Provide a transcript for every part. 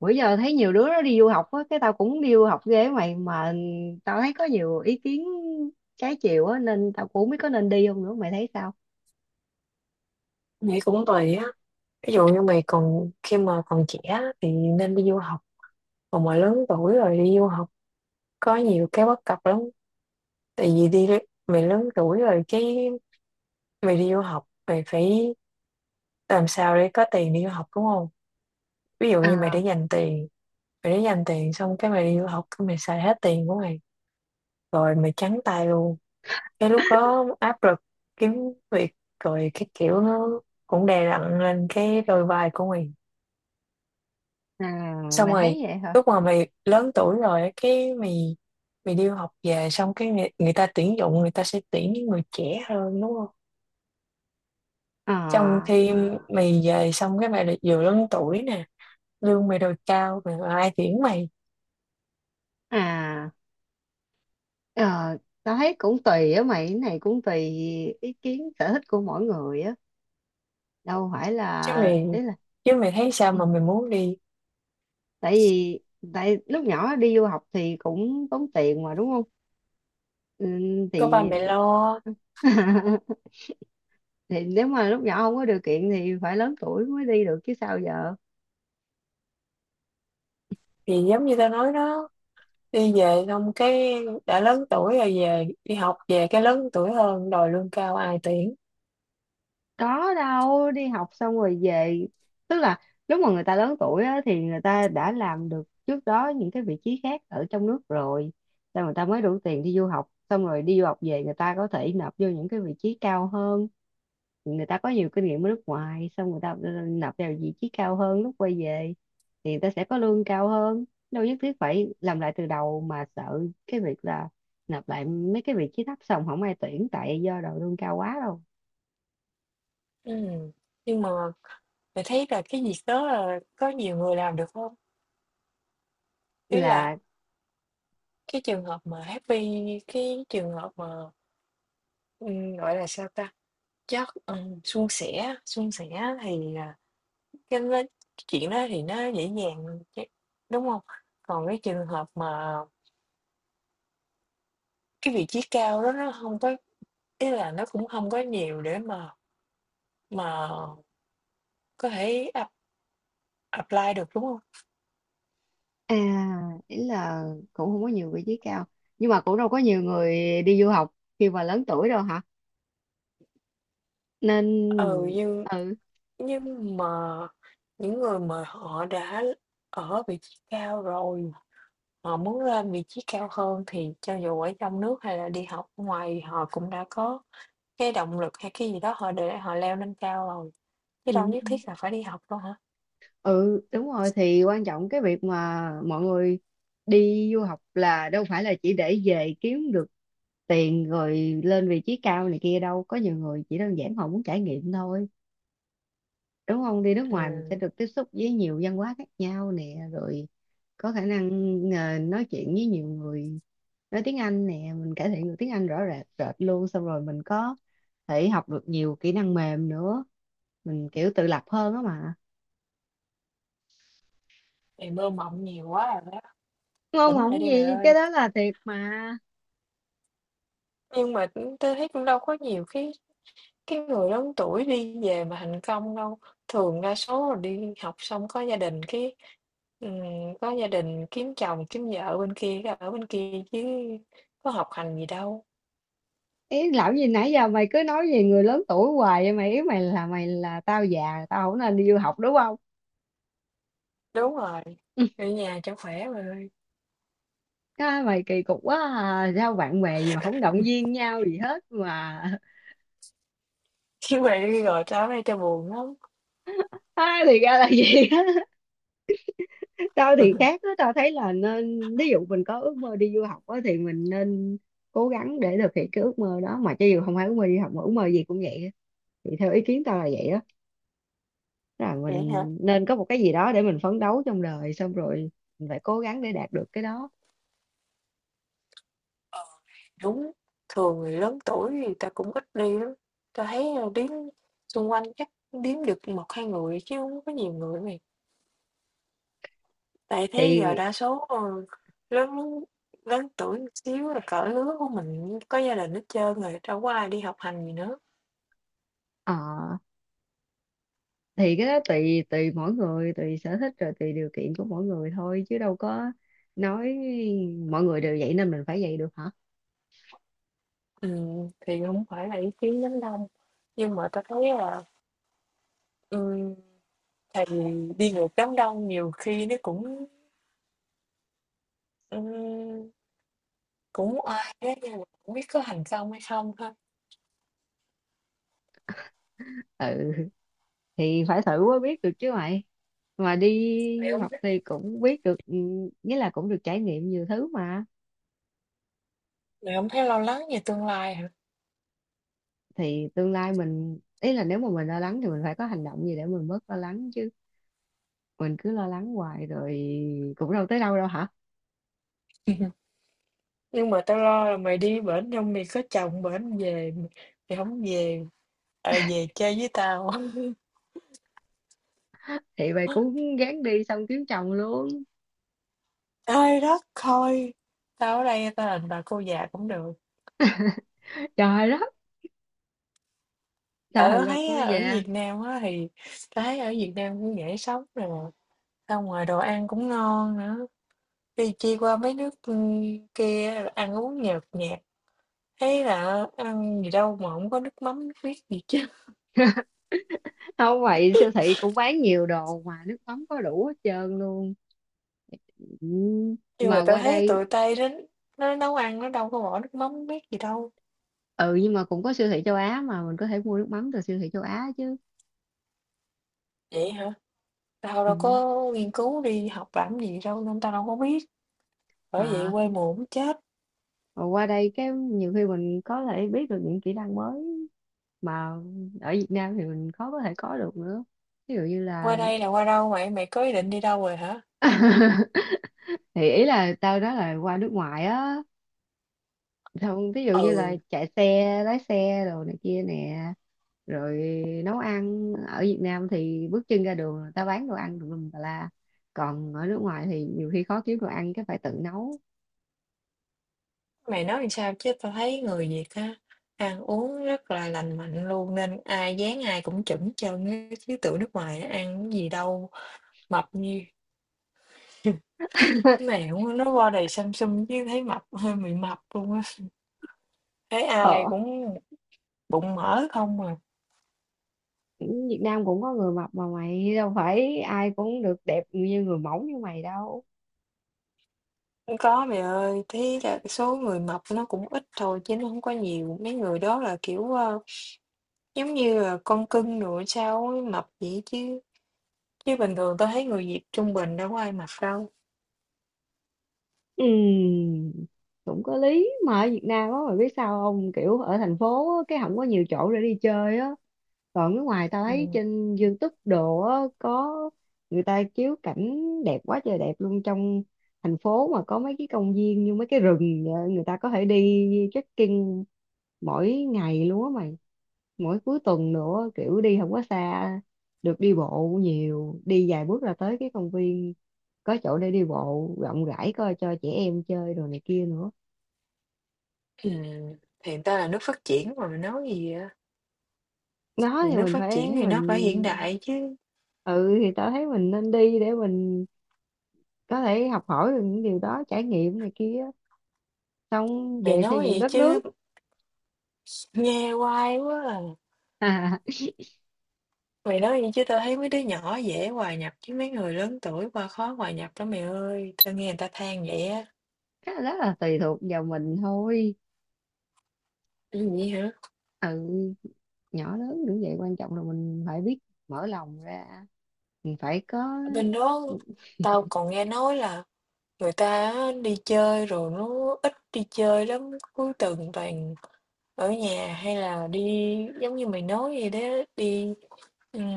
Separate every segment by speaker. Speaker 1: Bữa giờ thấy nhiều đứa nó đi du học á, cái tao cũng đi du học ghê mày. Mà tao thấy có nhiều ý kiến trái chiều á, nên tao cũng không biết có nên đi không nữa. Mày thấy sao?
Speaker 2: Nghĩ cũng tùy á. Ví dụ như mày khi mà còn trẻ á, thì nên đi du học. Còn mà lớn tuổi rồi đi du học có nhiều cái bất cập lắm. Tại vì mày lớn tuổi rồi, cái mày đi du học mày phải làm sao để có tiền đi du học, đúng không? Ví dụ như
Speaker 1: À.
Speaker 2: mày để dành tiền xong cái mày đi du học, cái mày xài hết tiền của mày rồi mày trắng tay luôn. Cái lúc đó áp lực kiếm việc rồi cái kiểu nó cũng đè nặng lên cái đôi vai của mày.
Speaker 1: À,
Speaker 2: Xong
Speaker 1: mày
Speaker 2: rồi
Speaker 1: thấy vậy hả?
Speaker 2: lúc mà mày lớn tuổi rồi á, cái mày mày đi học về xong cái người ta tuyển dụng, người ta sẽ tuyển những người trẻ hơn, đúng không? Trong
Speaker 1: À.
Speaker 2: khi mày về xong cái mày lại vừa lớn tuổi nè, lương mày đòi cao mà ai tuyển mày?
Speaker 1: À. ờ, Tao thấy cũng tùy á mày, cái này cũng tùy. Ý kiến sở thích của mỗi người á. Đâu phải
Speaker 2: chứ
Speaker 1: là
Speaker 2: mày
Speaker 1: ý là
Speaker 2: chứ mày thấy sao mà mày muốn đi?
Speaker 1: tại vì tại lúc nhỏ đi du học thì cũng tốn tiền mà đúng không? Ừ,
Speaker 2: Có ba
Speaker 1: thì
Speaker 2: mẹ lo.
Speaker 1: thì nếu mà lúc nhỏ không có điều kiện thì phải lớn tuổi mới đi được chứ sao giờ.
Speaker 2: Thì giống như tao nói đó, đi về xong cái đã lớn tuổi rồi, về đi học về cái lớn tuổi hơn, đòi lương cao ai tuyển.
Speaker 1: Có đâu, đi học xong rồi về. Tức là lúc mà người ta lớn tuổi á, thì người ta đã làm được trước đó những cái vị trí khác ở trong nước rồi, xong người ta mới đủ tiền đi du học. Xong rồi đi du học về, người ta có thể nộp vô những cái vị trí cao hơn. Người ta có nhiều kinh nghiệm ở nước ngoài, xong người ta nộp vào vị trí cao hơn lúc quay về thì người ta sẽ có lương cao hơn. Đâu nhất thiết phải làm lại từ đầu mà sợ cái việc là nộp lại mấy cái vị trí thấp xong không ai tuyển tại do đầu lương cao quá đâu.
Speaker 2: Ừm, nhưng mà mình thấy là cái việc đó là có nhiều người làm được không? Ý là
Speaker 1: Là
Speaker 2: cái trường hợp mà happy, cái trường hợp mà, gọi là, sao ta, chất suôn sẻ thì, cái nó chuyện đó thì nó dễ dàng đúng không? Còn cái trường hợp mà cái vị trí cao đó nó không có, ý là nó cũng không có nhiều để mà có thể apply được, đúng không?
Speaker 1: à, ý là cũng không có nhiều vị trí cao, nhưng mà cũng đâu có nhiều người đi du học khi mà lớn tuổi đâu hả, nên
Speaker 2: Ừ.
Speaker 1: ừ.
Speaker 2: Nhưng mà những người mà họ đã ở vị trí cao rồi, họ muốn lên vị trí cao hơn thì cho dù ở trong nước hay là đi học ở ngoài họ cũng đã có cái động lực hay cái gì đó họ để họ leo lên cao rồi, chứ
Speaker 1: Ừ.
Speaker 2: đâu nhất thiết là phải đi học đâu hả?
Speaker 1: Ừ, đúng rồi, thì quan trọng cái việc mà mọi người đi du học là đâu phải là chỉ để về kiếm được tiền rồi lên vị trí cao này kia đâu, có nhiều người chỉ đơn giản họ muốn trải nghiệm thôi, đúng không? Đi nước ngoài mình sẽ
Speaker 2: Ừm,
Speaker 1: được tiếp xúc với nhiều văn hóa khác nhau nè, rồi có khả năng nói chuyện với nhiều người, nói tiếng Anh nè, mình cải thiện được tiếng Anh rõ rệt rệt luôn. Xong rồi mình có thể học được nhiều kỹ năng mềm nữa, mình kiểu tự lập hơn á mà.
Speaker 2: Bạn mơ mộng nhiều quá rồi đó,
Speaker 1: Ngon
Speaker 2: tỉnh lại
Speaker 1: ngọng
Speaker 2: đi bạn
Speaker 1: gì, cái
Speaker 2: ơi.
Speaker 1: đó là thiệt mà.
Speaker 2: Nhưng mà, tôi thấy cũng đâu có nhiều cái người lớn tuổi đi về mà thành công đâu, thường đa số là đi học xong ừm, có gia đình kiếm chồng, kiếm vợ bên kia, cái ở bên kia chứ có học hành gì đâu.
Speaker 1: Ý lão gì nãy giờ mày cứ nói về người lớn tuổi hoài vậy mày? Ý mày là tao già tao không nên đi du học đúng không?
Speaker 2: Đúng rồi, ở nhà cho khỏe bà ơi.
Speaker 1: Cái mày kỳ cục quá à. Sao bạn bè gì mà không động viên nhau gì hết mà.
Speaker 2: Chứ mà đi rồi tới đây cho buồn lắm.
Speaker 1: À, thì ra là vậy á. Tao thì khác á, tao thấy là nên, ví dụ mình có ước mơ đi du học á thì mình nên cố gắng để thực hiện cái ước mơ đó mà, cho dù không phải ước mơ đi học mà ước mơ gì cũng vậy á. Thì theo ý kiến tao là vậy á. Tức là
Speaker 2: Vậy hả?
Speaker 1: mình nên có một cái gì đó để mình phấn đấu trong đời, xong rồi mình phải cố gắng để đạt được cái đó.
Speaker 2: Đúng, thường người lớn tuổi thì ta cũng ít đi lắm, ta thấy, đếm xung quanh chắc điếm được một hai người chứ không có nhiều người. Tại thế giờ
Speaker 1: Thì
Speaker 2: đa số, ờ, lớn lớn tuổi một xíu là cỡ lứa của mình có gia đình hết trơn rồi, đâu có ai đi học hành gì nữa.
Speaker 1: ờ, thì cái đó tùy tùy mỗi người, tùy sở thích, rồi tùy điều kiện của mỗi người thôi chứ đâu có nói mọi người đều vậy nên mình phải vậy được hả.
Speaker 2: Thì không phải là ý kiến đám đông, nhưng mà tao thấy là, ừm, tại đi ngược đám đông nhiều khi nó cũng, ừm, cũng oai á, nhưng mà hổng biết có thành công hay không ha?
Speaker 1: Ừ, thì phải thử mới biết được chứ mày. Mà đi
Speaker 2: Mày
Speaker 1: du
Speaker 2: không
Speaker 1: học
Speaker 2: thấy
Speaker 1: thì cũng biết được, ừ, nghĩa là cũng được trải nghiệm nhiều thứ mà.
Speaker 2: mày hông thấy lo lắng về tương lai hả?
Speaker 1: Thì tương lai mình, ý là nếu mà mình lo lắng thì mình phải có hành động gì để mình bớt lo lắng chứ, mình cứ lo lắng hoài rồi cũng đâu tới đâu đâu hả.
Speaker 2: Nhưng mà tao lo là mày đi bển xong mày có chồng bển về mày mày hổng về, à, về chơi với tao.
Speaker 1: Thì mày cũng gán đi xong kiếm chồng luôn.
Speaker 2: Ai đất thôi. Tao ở đây tao đành bà cô già cũng được.
Speaker 1: Trời đất, sao
Speaker 2: Tại
Speaker 1: thành
Speaker 2: tao
Speaker 1: bà
Speaker 2: thấy
Speaker 1: cô
Speaker 2: á, ở
Speaker 1: già.
Speaker 2: Việt Nam á thì tao thấy ở Việt Nam cũng dễ sống nè, xong ngoài đồ ăn cũng ngon nữa. Đi chi qua mấy nước kia rồi ăn uống nhợt nhạt, thấy là ăn gì đâu mà không có nước mắm nước miết gì chứ.
Speaker 1: Không vậy, siêu thị cũng bán nhiều đồ mà, nước mắm có đủ hết trơn luôn. Ừ,
Speaker 2: Nhưng
Speaker 1: mà
Speaker 2: mà tao
Speaker 1: qua
Speaker 2: thấy
Speaker 1: đây.
Speaker 2: tụi Tây đến, nó nấu ăn nó đâu có bỏ nước mắm nước miết gì đâu.
Speaker 1: Ừ, nhưng mà cũng có siêu thị châu Á mà, mình có thể mua nước mắm từ siêu thị châu Á chứ.
Speaker 2: Vậy hả? Tao đâu
Speaker 1: Ừ.
Speaker 2: có nghiên cứu đi học làm gì đâu nên tao đâu có biết. Bởi vậy
Speaker 1: À,
Speaker 2: quê mùa cũng chết.
Speaker 1: mà qua đây cái nhiều khi mình có thể biết được những kỹ năng mới mà ở Việt Nam thì mình khó có thể có được nữa. Ví dụ như
Speaker 2: Qua
Speaker 1: là
Speaker 2: đây là qua đâu vậy? Mày có ý định đi đâu rồi hả?
Speaker 1: thì ý là tao nói là qua nước ngoài á, không, ví dụ như là
Speaker 2: Ừ,
Speaker 1: chạy xe, lái xe đồ này kia nè, rồi nấu ăn. Ở Việt Nam thì bước chân ra đường là tao bán đồ ăn tùm lum tà la. Còn ở nước ngoài thì nhiều khi khó kiếm đồ ăn cái phải tự nấu.
Speaker 2: mày nói làm sao chứ tao thấy người Việt á, ăn uống rất là lành mạnh luôn nên ai dán ai cũng chuẩn chơn á, chứ tụi nước ngoài á, ăn cái gì đâu mập như mày cũng nó qua đây xăm xăm chứ thấy mập hơi bị mập luôn á. Thấy ai
Speaker 1: Ờ.
Speaker 2: cũng bụng mỡ không à.
Speaker 1: Việt Nam cũng có người mập mà mày, đâu phải ai cũng được đẹp như người mẫu như mày đâu.
Speaker 2: Không có mày ơi, thế là số người mập nó cũng ít thôi chứ nó không có nhiều. Mấy người đó là kiểu giống như là con cưng rồi sao ấy, mập vậy chứ. Chứ bình thường tao thấy người Việt trung bình đâu có ai mặc đâu.
Speaker 1: Ừm, cũng có lý mà, ở Việt Nam á mày biết sao không, kiểu ở thành phố á, cái không có nhiều chỗ để đi chơi á. Còn nước ngoài tao
Speaker 2: Ừ.
Speaker 1: thấy trên YouTube đồ á, có người ta chiếu cảnh đẹp quá trời đẹp luôn. Trong thành phố mà có mấy cái công viên như mấy cái rừng vậy, người ta có thể đi trekking mỗi ngày luôn á mày, mỗi cuối tuần nữa, kiểu đi không có xa, được đi bộ nhiều, đi vài bước là tới cái công viên, có chỗ để đi bộ rộng rãi coi cho trẻ em chơi đồ này kia nữa.
Speaker 2: Ừm, Hiện ta là nước phát triển mà mày nói gì vậy?
Speaker 1: Đó
Speaker 2: Thì
Speaker 1: thì
Speaker 2: nước
Speaker 1: mình
Speaker 2: phát triển
Speaker 1: phải
Speaker 2: thì nó phải hiện
Speaker 1: mình
Speaker 2: đại chứ.
Speaker 1: ừ thì tao thấy mình nên đi để mình có thể học hỏi được những điều đó, trải nghiệm này kia, xong
Speaker 2: Mày
Speaker 1: về xây
Speaker 2: nói
Speaker 1: dựng
Speaker 2: gì
Speaker 1: đất nước.
Speaker 2: chứ nghe hoài quá à.
Speaker 1: À,
Speaker 2: Mày nói gì chứ tao thấy mấy đứa nhỏ dễ hòa nhập chứ mấy người lớn tuổi qua khó hòa nhập lắm mày ơi. Tao nghe người ta than vậy á.
Speaker 1: cái đó là tùy thuộc vào mình thôi.
Speaker 2: Cái gì hả?
Speaker 1: Ừ, nhỏ lớn cũng vậy, quan trọng là mình phải biết mở lòng ra, mình phải có
Speaker 2: Ở bên đó tao còn nghe nói là người ta á, đi chơi rồi nó ít đi chơi lắm. Cuối tuần toàn ở nhà hay là đi giống như mày nói vậy đó, đi ừm,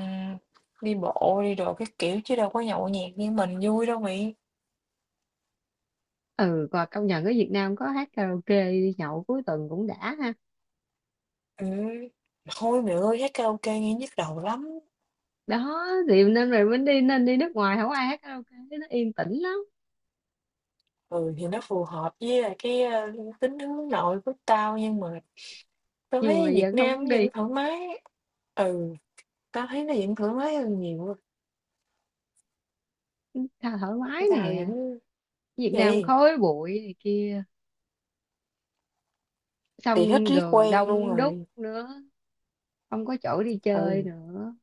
Speaker 2: đi bộ đi đồ các kiểu chứ đâu có nhậu nhẹt như mình vui đâu mày.
Speaker 1: ừ và công nhận ở Việt Nam có hát karaoke đi nhậu cuối tuần cũng đã ha.
Speaker 2: Ừ. Thôi mày ơi hát karaoke nghe nhức đầu lắm.
Speaker 1: Đó thì nên, rồi mình đi, nên đi nước ngoài không ai hát karaoke, nó yên tĩnh lắm.
Speaker 2: Ừ thì nó phù hợp với lại cái tính hướng nội của tao, nhưng mà tao
Speaker 1: Nhưng mà
Speaker 2: thấy
Speaker 1: bây giờ
Speaker 2: Việt
Speaker 1: không
Speaker 2: Nam
Speaker 1: muốn
Speaker 2: vẫn
Speaker 1: đi.
Speaker 2: thoải mái. Ừ, tao thấy nó vẫn thoải mái hơn nhiều.
Speaker 1: Tha thoải mái
Speaker 2: Tao
Speaker 1: nè,
Speaker 2: vẫn
Speaker 1: Việt Nam
Speaker 2: gì
Speaker 1: khói bụi này kia,
Speaker 2: thì hết
Speaker 1: xong
Speaker 2: riết
Speaker 1: đường
Speaker 2: quen luôn
Speaker 1: đông đúc
Speaker 2: rồi.
Speaker 1: nữa, không có chỗ đi chơi
Speaker 2: Ừ.
Speaker 1: nữa.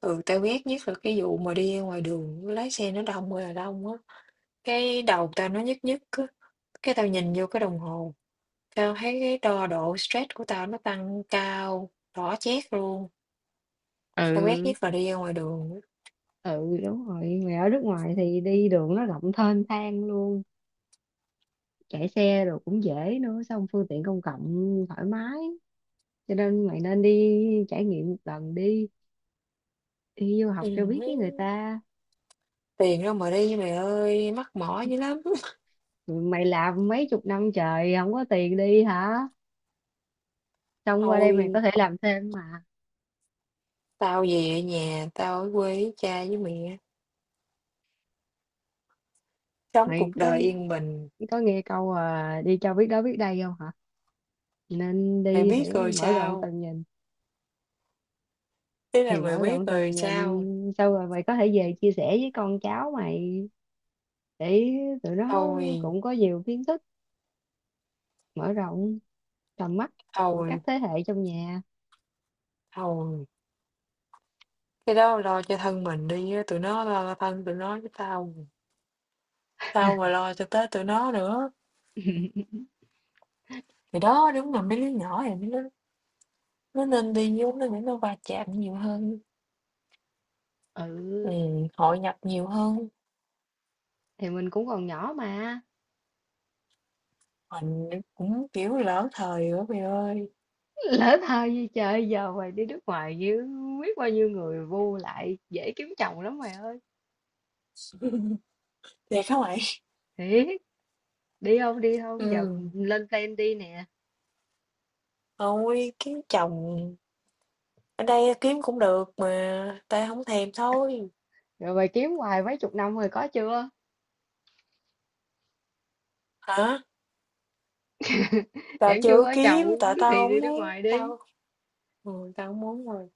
Speaker 2: Ừ tao biết, nhất là cái vụ mà đi ngoài đường lái xe nó đông ơi là đông á. Cái đầu tao nó nhức nhức á, cái tao nhìn vô cái đồng hồ, tao thấy cái đo độ stress của tao nó tăng cao, đỏ chét luôn. Tao quét
Speaker 1: Ừ.
Speaker 2: nhất là đi ra ngoài đường á.
Speaker 1: Ừ đúng rồi, mày ở nước ngoài thì đi đường nó rộng thênh thang luôn, chạy xe rồi cũng dễ nữa, xong phương tiện công cộng thoải mái, cho nên mày nên đi trải nghiệm một lần đi, đi du học
Speaker 2: Ừ.
Speaker 1: cho biết với người ta.
Speaker 2: Tiền đâu mà đi mày ơi, mắc mỏ dữ lắm.
Speaker 1: Ừ, mày làm mấy chục năm trời không có tiền đi hả, xong qua đây mày có
Speaker 2: Thôi,
Speaker 1: thể làm thêm mà.
Speaker 2: tao về nhà, tao ở quê với cha với mẹ, sống
Speaker 1: Mày
Speaker 2: cuộc đời yên bình.
Speaker 1: có nghe câu à, đi cho biết đó biết đây không hả, nên
Speaker 2: Mày
Speaker 1: đi
Speaker 2: biết
Speaker 1: để
Speaker 2: rồi
Speaker 1: mở rộng
Speaker 2: sao?
Speaker 1: tầm nhìn.
Speaker 2: Thế là
Speaker 1: Thì
Speaker 2: mày
Speaker 1: mở
Speaker 2: biết
Speaker 1: rộng tầm
Speaker 2: rồi sao?
Speaker 1: nhìn sau rồi mày có thể về chia sẻ với con cháu mày, để tụi nó
Speaker 2: Thôi,
Speaker 1: cũng có nhiều kiến thức, mở rộng tầm mắt của các
Speaker 2: thôi,
Speaker 1: thế hệ trong nhà.
Speaker 2: thôi. Cái đó lo cho thân mình đi á, tụi nó lo cho thân tụi nó với tao. Sao mà lo cho tới tụi nó nữa. Thì đó, đúng là mấy đứa nhỏ này nó nên đi vô nó để nó va chạm nhiều hơn,
Speaker 1: Ừ,
Speaker 2: hội nhập nhiều hơn.
Speaker 1: thì mình cũng còn nhỏ mà.
Speaker 2: Mình cũng, kiểu, lỡ thời nữa mày ơi.
Speaker 1: Lỡ thơ như trời giờ, mày đi nước ngoài như biết bao nhiêu người vô lại, dễ kiếm chồng lắm mày ơi.
Speaker 2: Thiệt hả mày?
Speaker 1: Thiệt. Đi không, đi không, giờ mình
Speaker 2: Ừm,
Speaker 1: lên plan đi nè.
Speaker 2: Thôi kiếm chồng ở đây kiếm cũng được mà, tao không thèm thôi.
Speaker 1: Rồi mày kiếm hoài mấy chục năm rồi có chưa?
Speaker 2: Hả? Tao
Speaker 1: Chẳng chưa
Speaker 2: chưa
Speaker 1: có
Speaker 2: kiếm
Speaker 1: chồng
Speaker 2: tại tao
Speaker 1: thì đi
Speaker 2: không
Speaker 1: nước
Speaker 2: muốn,
Speaker 1: ngoài đi.
Speaker 2: tao không muốn rồi.